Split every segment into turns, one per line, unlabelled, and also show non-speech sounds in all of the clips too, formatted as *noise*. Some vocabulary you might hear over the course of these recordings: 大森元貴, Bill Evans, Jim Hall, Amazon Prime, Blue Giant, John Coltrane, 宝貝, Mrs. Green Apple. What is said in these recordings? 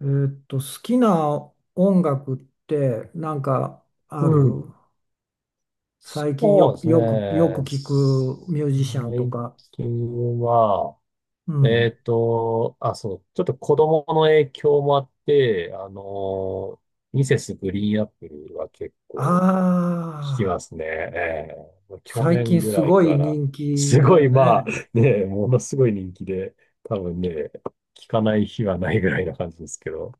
好きな音楽ってなんか
う
ある？
ん。
最近よ
そう
く、よく、よく
で
聞
すね。
くミュージシャンと
最
か。
近は、
うん。
あ、そう、ちょっと子供の影響もあって、ミセスグリーンアップルは結構聞き
ああ、
ますね。ええ、去
最近
年ぐ
す
らい
ご
か
い
ら、
人気
す
だ
ごい、
よ
まあ、
ね。
ね、ものすごい人気で、多分ね、聞かない日はないぐらいな感じですけど、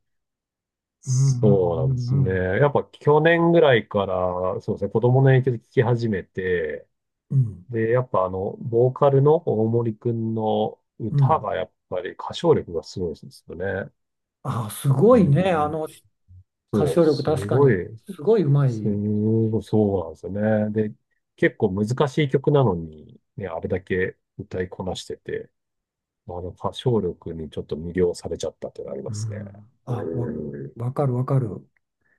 うんうん
そうなん
う
です
んう
ね。
ん。
やっぱ去年ぐらいから、そうですね、子供の影響で聞き始めて、
うん
で、やっぱボーカルの大森くんの
う
歌
ん。
がやっぱり歌唱力がすごいですよね。
ああ、すご
う
いね。あ
ん。
の歌
そう、
唱力
す
確か
ごい、
にすごいうま
す
い。
ごい、そうなんですよね。で、結構難しい曲なのに、ね、あれだけ歌いこなしてて、あの歌唱力にちょっと魅了されちゃったっていうのがあり
う
ますね。
ん。あ、
うん。
わかるわかる。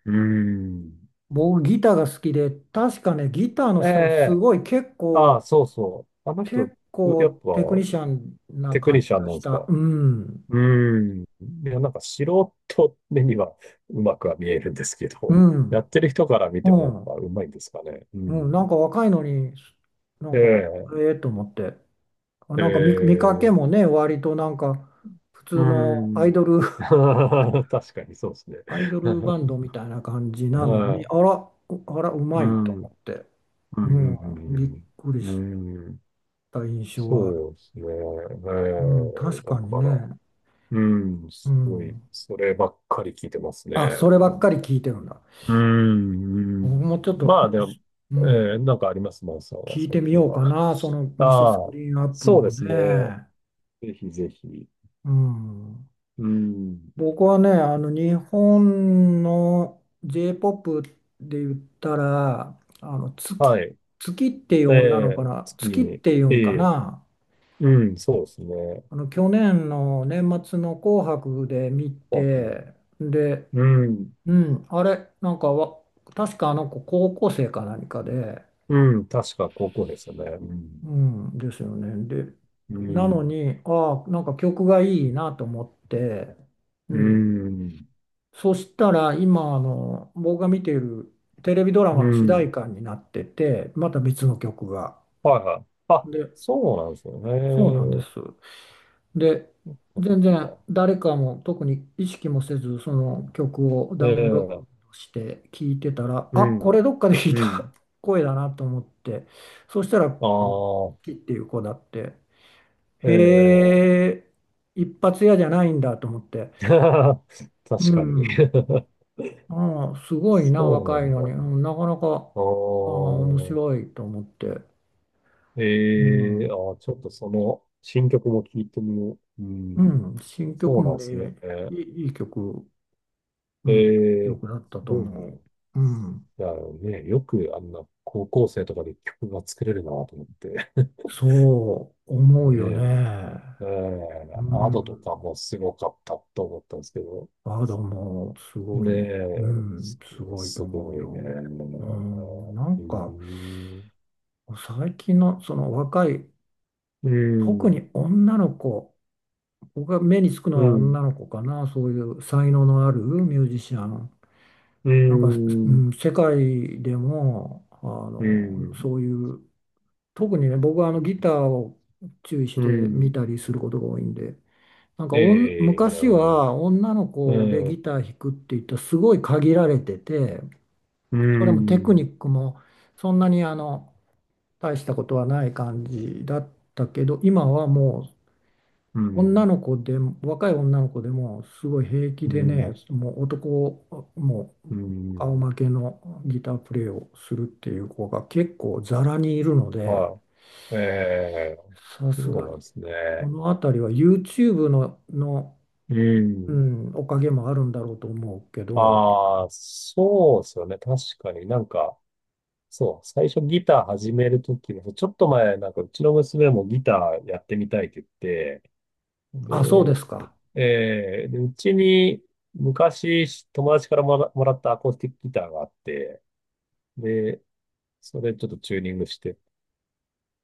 うん。
僕ギターが好きで、確かね、ギターの
え
人もす
え。
ごい結
ああ、
構
そうそう。あの人、
結
やっ
構
ぱ
テクニシャンな
テク
感
ニシ
じ
ャン
が
なん
し
ですか？
た。うん、
うーん。いや、なんか素人目にはうまくは見えるんですけ
う
ど、*laughs* やっ
ん、
てる人から見ても
う
やっぱ
ん、
うまいんですかね。う
うん、なん
ん。
か若いのに、な
え
んか、
え、
ええと思って。あ
え
なんか見かけ
え、
もね、割となんか、普
う
通のアイ
ん。
ドル、*laughs*
*laughs* 確かにそうですね。
アイドルバンド
*laughs*
みたいな感じなの
は
に、あ
い。
ら、あら、うま
う
い
ん。
と
う
思
ん、
って。
う
うん、びっ
ん、
くり
う
し
ん。うん。
た印象はある。
そうですね。
うん、
ええ、
確
だ
かに
から。
ね。
うん、
う
すごい、
ん。
そればっかり聞いてますね。
あ、それば
な
っ
ん
か
だか。
り聞いてるんだ。
うん、う
僕
ん。
もちょっと、
ま
う
あ
ん、
でも、
う
え
ん
なんかあります、マンさんは、
聞い
最
てみ
近
よう
は？
かな、その
*laughs*
ミセス
あ
グ
あ、
リーンアップル
そう
を
ですね。
ね。
ぜひぜひ。
うん、
うん、
僕はね、あの日本の J-POP で言ったら、あの月、
はい。
月っていう
え
女の
え、
子かな、
月
月っ
に。
ていう
え
んか
え、
な、
うん、そうですね。
あの去年の年末の「紅白」で見
紅白に。
て、で、
うん、
うん、あれ、なんか確かあの子高校生か何かで。
うん、確か高校でしたね。うん、
うん、ですよね。で、
う
なの
ん、
に、ああ、なんか曲がいいなと思って、う
う
ん。
ん、
そしたら、今、僕が見ているテレビドラマ
う
の主題
ん。
歌になってて、また別の曲が。
はいはい。あ、
で、
そうなんですよ
そうなんです。
ね。
で、
そっかそ
全然
っか。
誰かも特に意識もせず、その曲を
え
ダウンロー
え、
ドして聴いてたら、
う
あ、こ
ん、
れどっかで聞いた
うん。
声だなと思って、そしたら、
あ
この
あ、
キっていう子だって。
ええ。
へえ、一発屋じゃないんだと思って。
*laughs*
う
確かに。
ん。ああ、す
*laughs*
ごいな、
そうな
若い
ん
の
だ
に。う
な。
ん、なかなか、
あ
ああ、面白
あ、
いと思って。う
ええ、
ん。
ちょっとその新曲も聞いてみよう。う
う
ん。
ん、新
そ
曲
う
も
なんですね。
ね、いい曲、うん、いい
ええ、す
曲だったと
ごいな。
思う。うん。
いやね、よくあんな高校生とかで曲が作れるなと思って。
そう思うよ
ね
ね。
え、え
う
え、アドとか
ん。
もすごかったと思ったんですけど。
バードもすご
ね
い、う
え、
ん、すごいと
す
思う
ごいね。
よ。う
う
ん、なんか、
ん、
最近のその若い
う
特
ん、
に女の子、僕が目につく
う
のは
ん、
女の子かな、そういう才能のあるミュージシャン。
う
なんか、う
ん、
ん、世界でも、
うん、
そういう、特にね、僕はあのギターを注意し
う
て見
ん。
たりすることが多いんで、なんか
ええ、なる
昔
ほど。
は女の子で
うん、
ギター弾くって言ったらすごい限られてて、
う
それもテク
ん、
ニックもそんなに大したことはない感じだったけど、今はもう女の子でも、若い女の子でも、すごい平気
う
でね、
ん、
もう
う
顔
ん、
負けのギタープレイをするっていう子が結構ざらにいるので、
はい。ええ、
さす
そう
が
な
に、
んです
こ
ね。
の辺りは YouTube の、
う
う
ん。
ん、おかげもあるんだろうと思うけど、
ああ、そうですよね。確かになんか、そう、最初ギター始めるときも、ちょっと前、なんかうちの娘もギターやってみたいって言って、
あ、そうで
で、
すか。
で、うちに昔友達からもらったアコースティックギターがあって、で、それちょっとチューニングして聴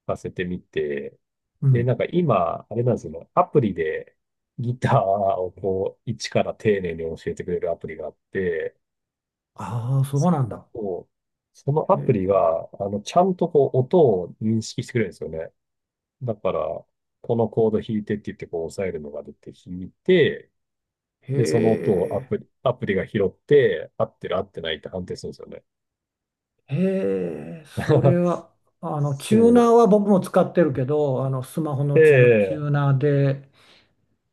かせてみて、
う
で、
ん。
なんか今、あれなんですよね、アプリでギターをこう、一から丁寧に教えてくれるアプリがあって、
ああ、そうなんだ。
そう、その
へ
アプリ
え。
が、ちゃんとこう、音を認識してくれるんですよね。だから、このコード弾いてって言って、こう押さえるのが出て弾いて、
へ
で、その音を
え。
アプリが拾って、合ってる合ってないって判定するんですよね。
へえ、それ
*laughs*
は、チューナー
そ
は僕も使ってるけど、スマホ
う。
のチ
ええ、
ューナーで、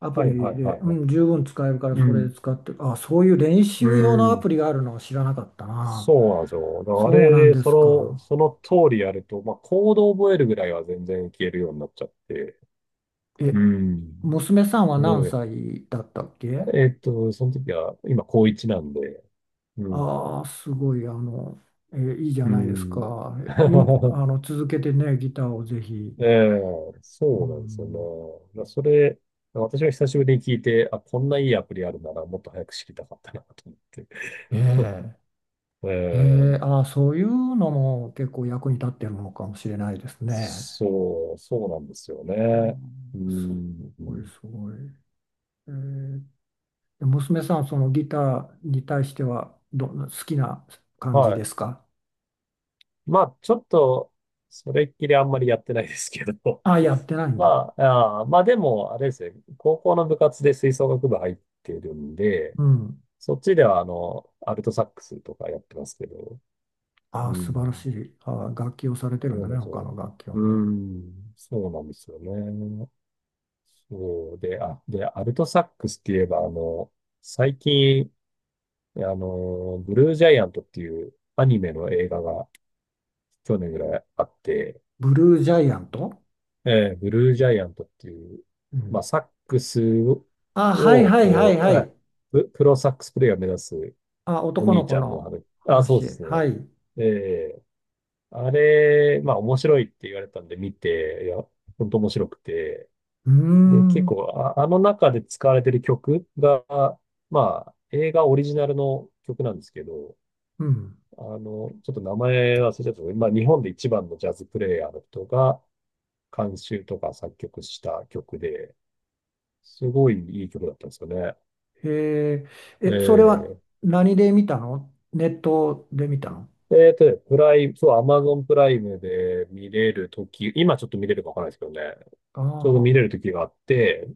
アプ
はいは
リ
い
で、
はい
う
はい。
ん、十分使えるから
う
それ
ん。
使ってる。あ、そういう練
う
習用のア
ん。
プリがあるのは知らなかったな。
そうなんですよ。だからあ
そうな
れ
ん
で、
ですか。
その通りやると、まあ、コードを覚えるぐらいは全然消えるようになっちゃって。う
え、
ん。
娘さんは
す
何
ごい。
歳だったっけ？
その時は、今、高一なんで。うん。
ああー、すごい、いいじゃ
う
ないです
ん。
か。今、
*laughs*
続けてね、ギターをぜひ。
ええ、
う
そうなんですよ
ん、
ね。まあそれ、私が久しぶりに聞いて、あ、こんないいアプリあるならもっと早く知りたかったなと思って。
ええ
*laughs* え
へ
え、
え、ああ、そういうのも結構役に立ってるのかもしれないですね。
そうなんですよ
う
ね。う
んす
ん、
ごい、すごい。えーで娘さん、そのギターに対してはどんな、好きな感じ
はい。
ですか？
まあ、ちょっと、それっきりあんまりやってないですけど、
あやってない
*laughs*
んだ。
まあ、まあでも、あれですね、高校の部活で吹奏楽部入ってるんで、
うん。
そっちでは、アルトサックスとかやってますけど、う
あ素晴らし
ん。
い。あ楽器をされて
そ
るん
う
だ
な
ね、
んです
他
よ。
の楽器を
うー
ね。
ん、そうなんですよね。そうで、アルトサックスって言えば、最近、ブルージャイアントっていうアニメの映画が去年ぐらいあって、
ブルージャイアント。
ブルージャイアントっていう、
う
まあ、
ん。
サックス
あはい
を、
はいはい
こ
は
う、
い。
プロサックスプレイヤーを目指す
ああ、
お
男の
兄ち
子
ゃんの
の
話、あ、そうで
話。
すね。
はい。う
えーあれ、まあ面白いって言われたんで見て、いや、本当面白くて、
ー
で、結
ん。
構、あの中で使われてる曲が、まあ、映画オリジナルの曲なんですけど、
うん。
ちょっと名前忘れちゃったんですけど、まあ、日本で一番のジャズプレイヤーの人が監修とか作曲した曲で、すごいいい曲だったんですよね。
へえ、え、それは
え
何で見たの？ネットで見たの？
プライム、そう、アマゾンプライムで見れるとき、今ちょっと見れるかわからないですけどね、
あ
ちょうど
あ、
見れるときがあって、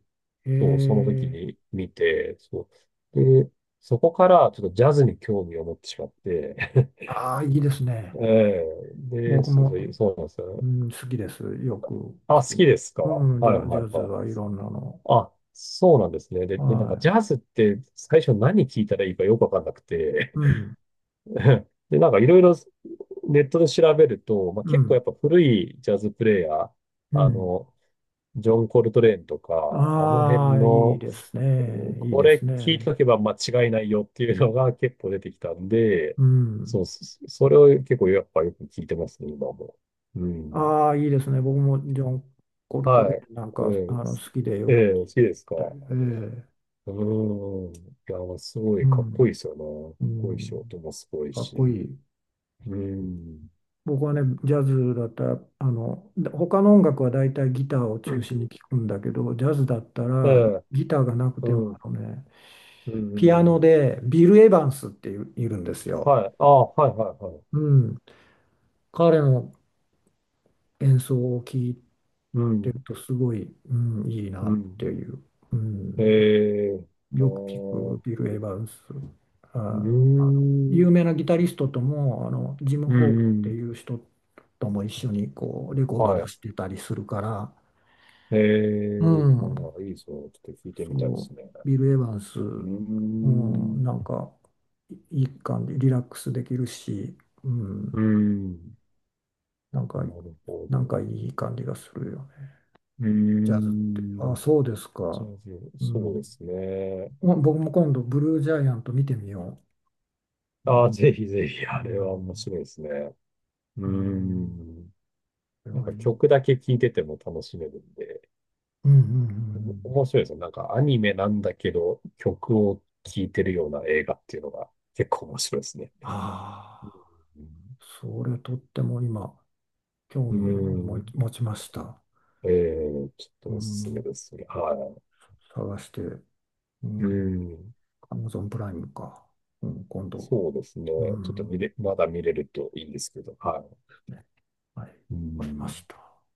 へ
そう、その時
え、
に見て、そう。で、そこからちょっとジャズに興味を持ってしまって、
ああ、いいですね。
*laughs* ええ、で、
僕も、
そうなんですよね。
うん、好きです。よく
あ、
聞
好き
き。
ですか？は
うん、
い
ジ
はい
ャズ
はい。
はいろんなの。
あ、そうなんですね。
は
で、なんかジャ
い。
ズって最初何聞いたらいいかよくわかんなくて、
うん、
*laughs* で、なんかいろいろネットで調べると、まあ、
う
結構
ん、
やっぱ古いジャズプレイヤー、
う
あ
ん。
の、ジョン・コルトレーンとか、あの辺
ああ、いい
の、う
ですね。
ん、
いい
こ
です
れ聞いと
ね。
けば間違いないよっていうのが結構出てきたんで、
うん。
そう、それを結構やっぱよく聞いてますね、今も。うん。
ああ、いいですね。僕もジョン・コルトレ
はい。
ーンなん
こ
か、
れ、
好きで
え
よく
え好
聞
き
い
ですか？
たり。
う
ええ、
ーん。いや、すご
う
いかっこ
ん、
いいですよね。かっ
う
こいいし、
ん、
音もすごい
かっこ
し。
いい。
うーん。
僕はね、ジャズだったら、で他の音楽は大体ギターを
う
中
ん、
心に聴くんだけど、ジャズだった
え
ら
え、
ギターがなくても、
う
あ
ん、
のね、
うん、う
ピアノ
ん。
でビル・エヴァンスっていう、いるんですよ。
はい。ああ、はい、はい、はい。
うん。彼の演奏を聴い
う
てる
ん、
とすごい、うん、いい
う
なって
ん。
いう。うん。
えーあ
よく聴くビ
ー
ル・エヴァンス。あ、
う
あの
ーん、
有名なギタリストとも、ジム・
う
ホー
ん
ル
う
って
ん、
いう人とも一緒にこうレコード
は
出
い。
してたりするから、
え
う
ー
ん、
あいいですね。ちょっと聞いてみたいで
そ
すね。
う、ビル・エヴァンス、
うー
うん、
ん、
なんか、いいい感じ、リラックスできるし、うん、
うん、
なん
な
か、
るほ
なん
ど。
かいい感じがするよね、
うー
ジャズって。あ、
ん、
そうです
じ
か。
ゃあ、
う
そう
ん、
ですね。
ま僕も今度、ブルージャイアント見てみよう。う
あ
ん、
あ、ぜひぜひ、
う
あれは面
ん、
白いですね。うー
うん
ん、
それ
なん
はい
か
い。
曲だけ聴いてても楽しめるんで。
うん、うん、うん。
面白いですね。なんかアニメなんだけど、曲を聴いてるような映画っていうのが結構面白いですね。
ああ、それとっても今、興
う
味を
ん。う
持ち
ん。
持ちました。
ちょっ
う
とおすすめ
ん、
ですね。は
探して。う
い。う
ん
ん。
アマゾンプライムか。うん、今度。
そうですね。
う
ちょっと
ん。
まだ見れるといいんですけど。は
ねはい。
い。う
わかりま
ん。
した。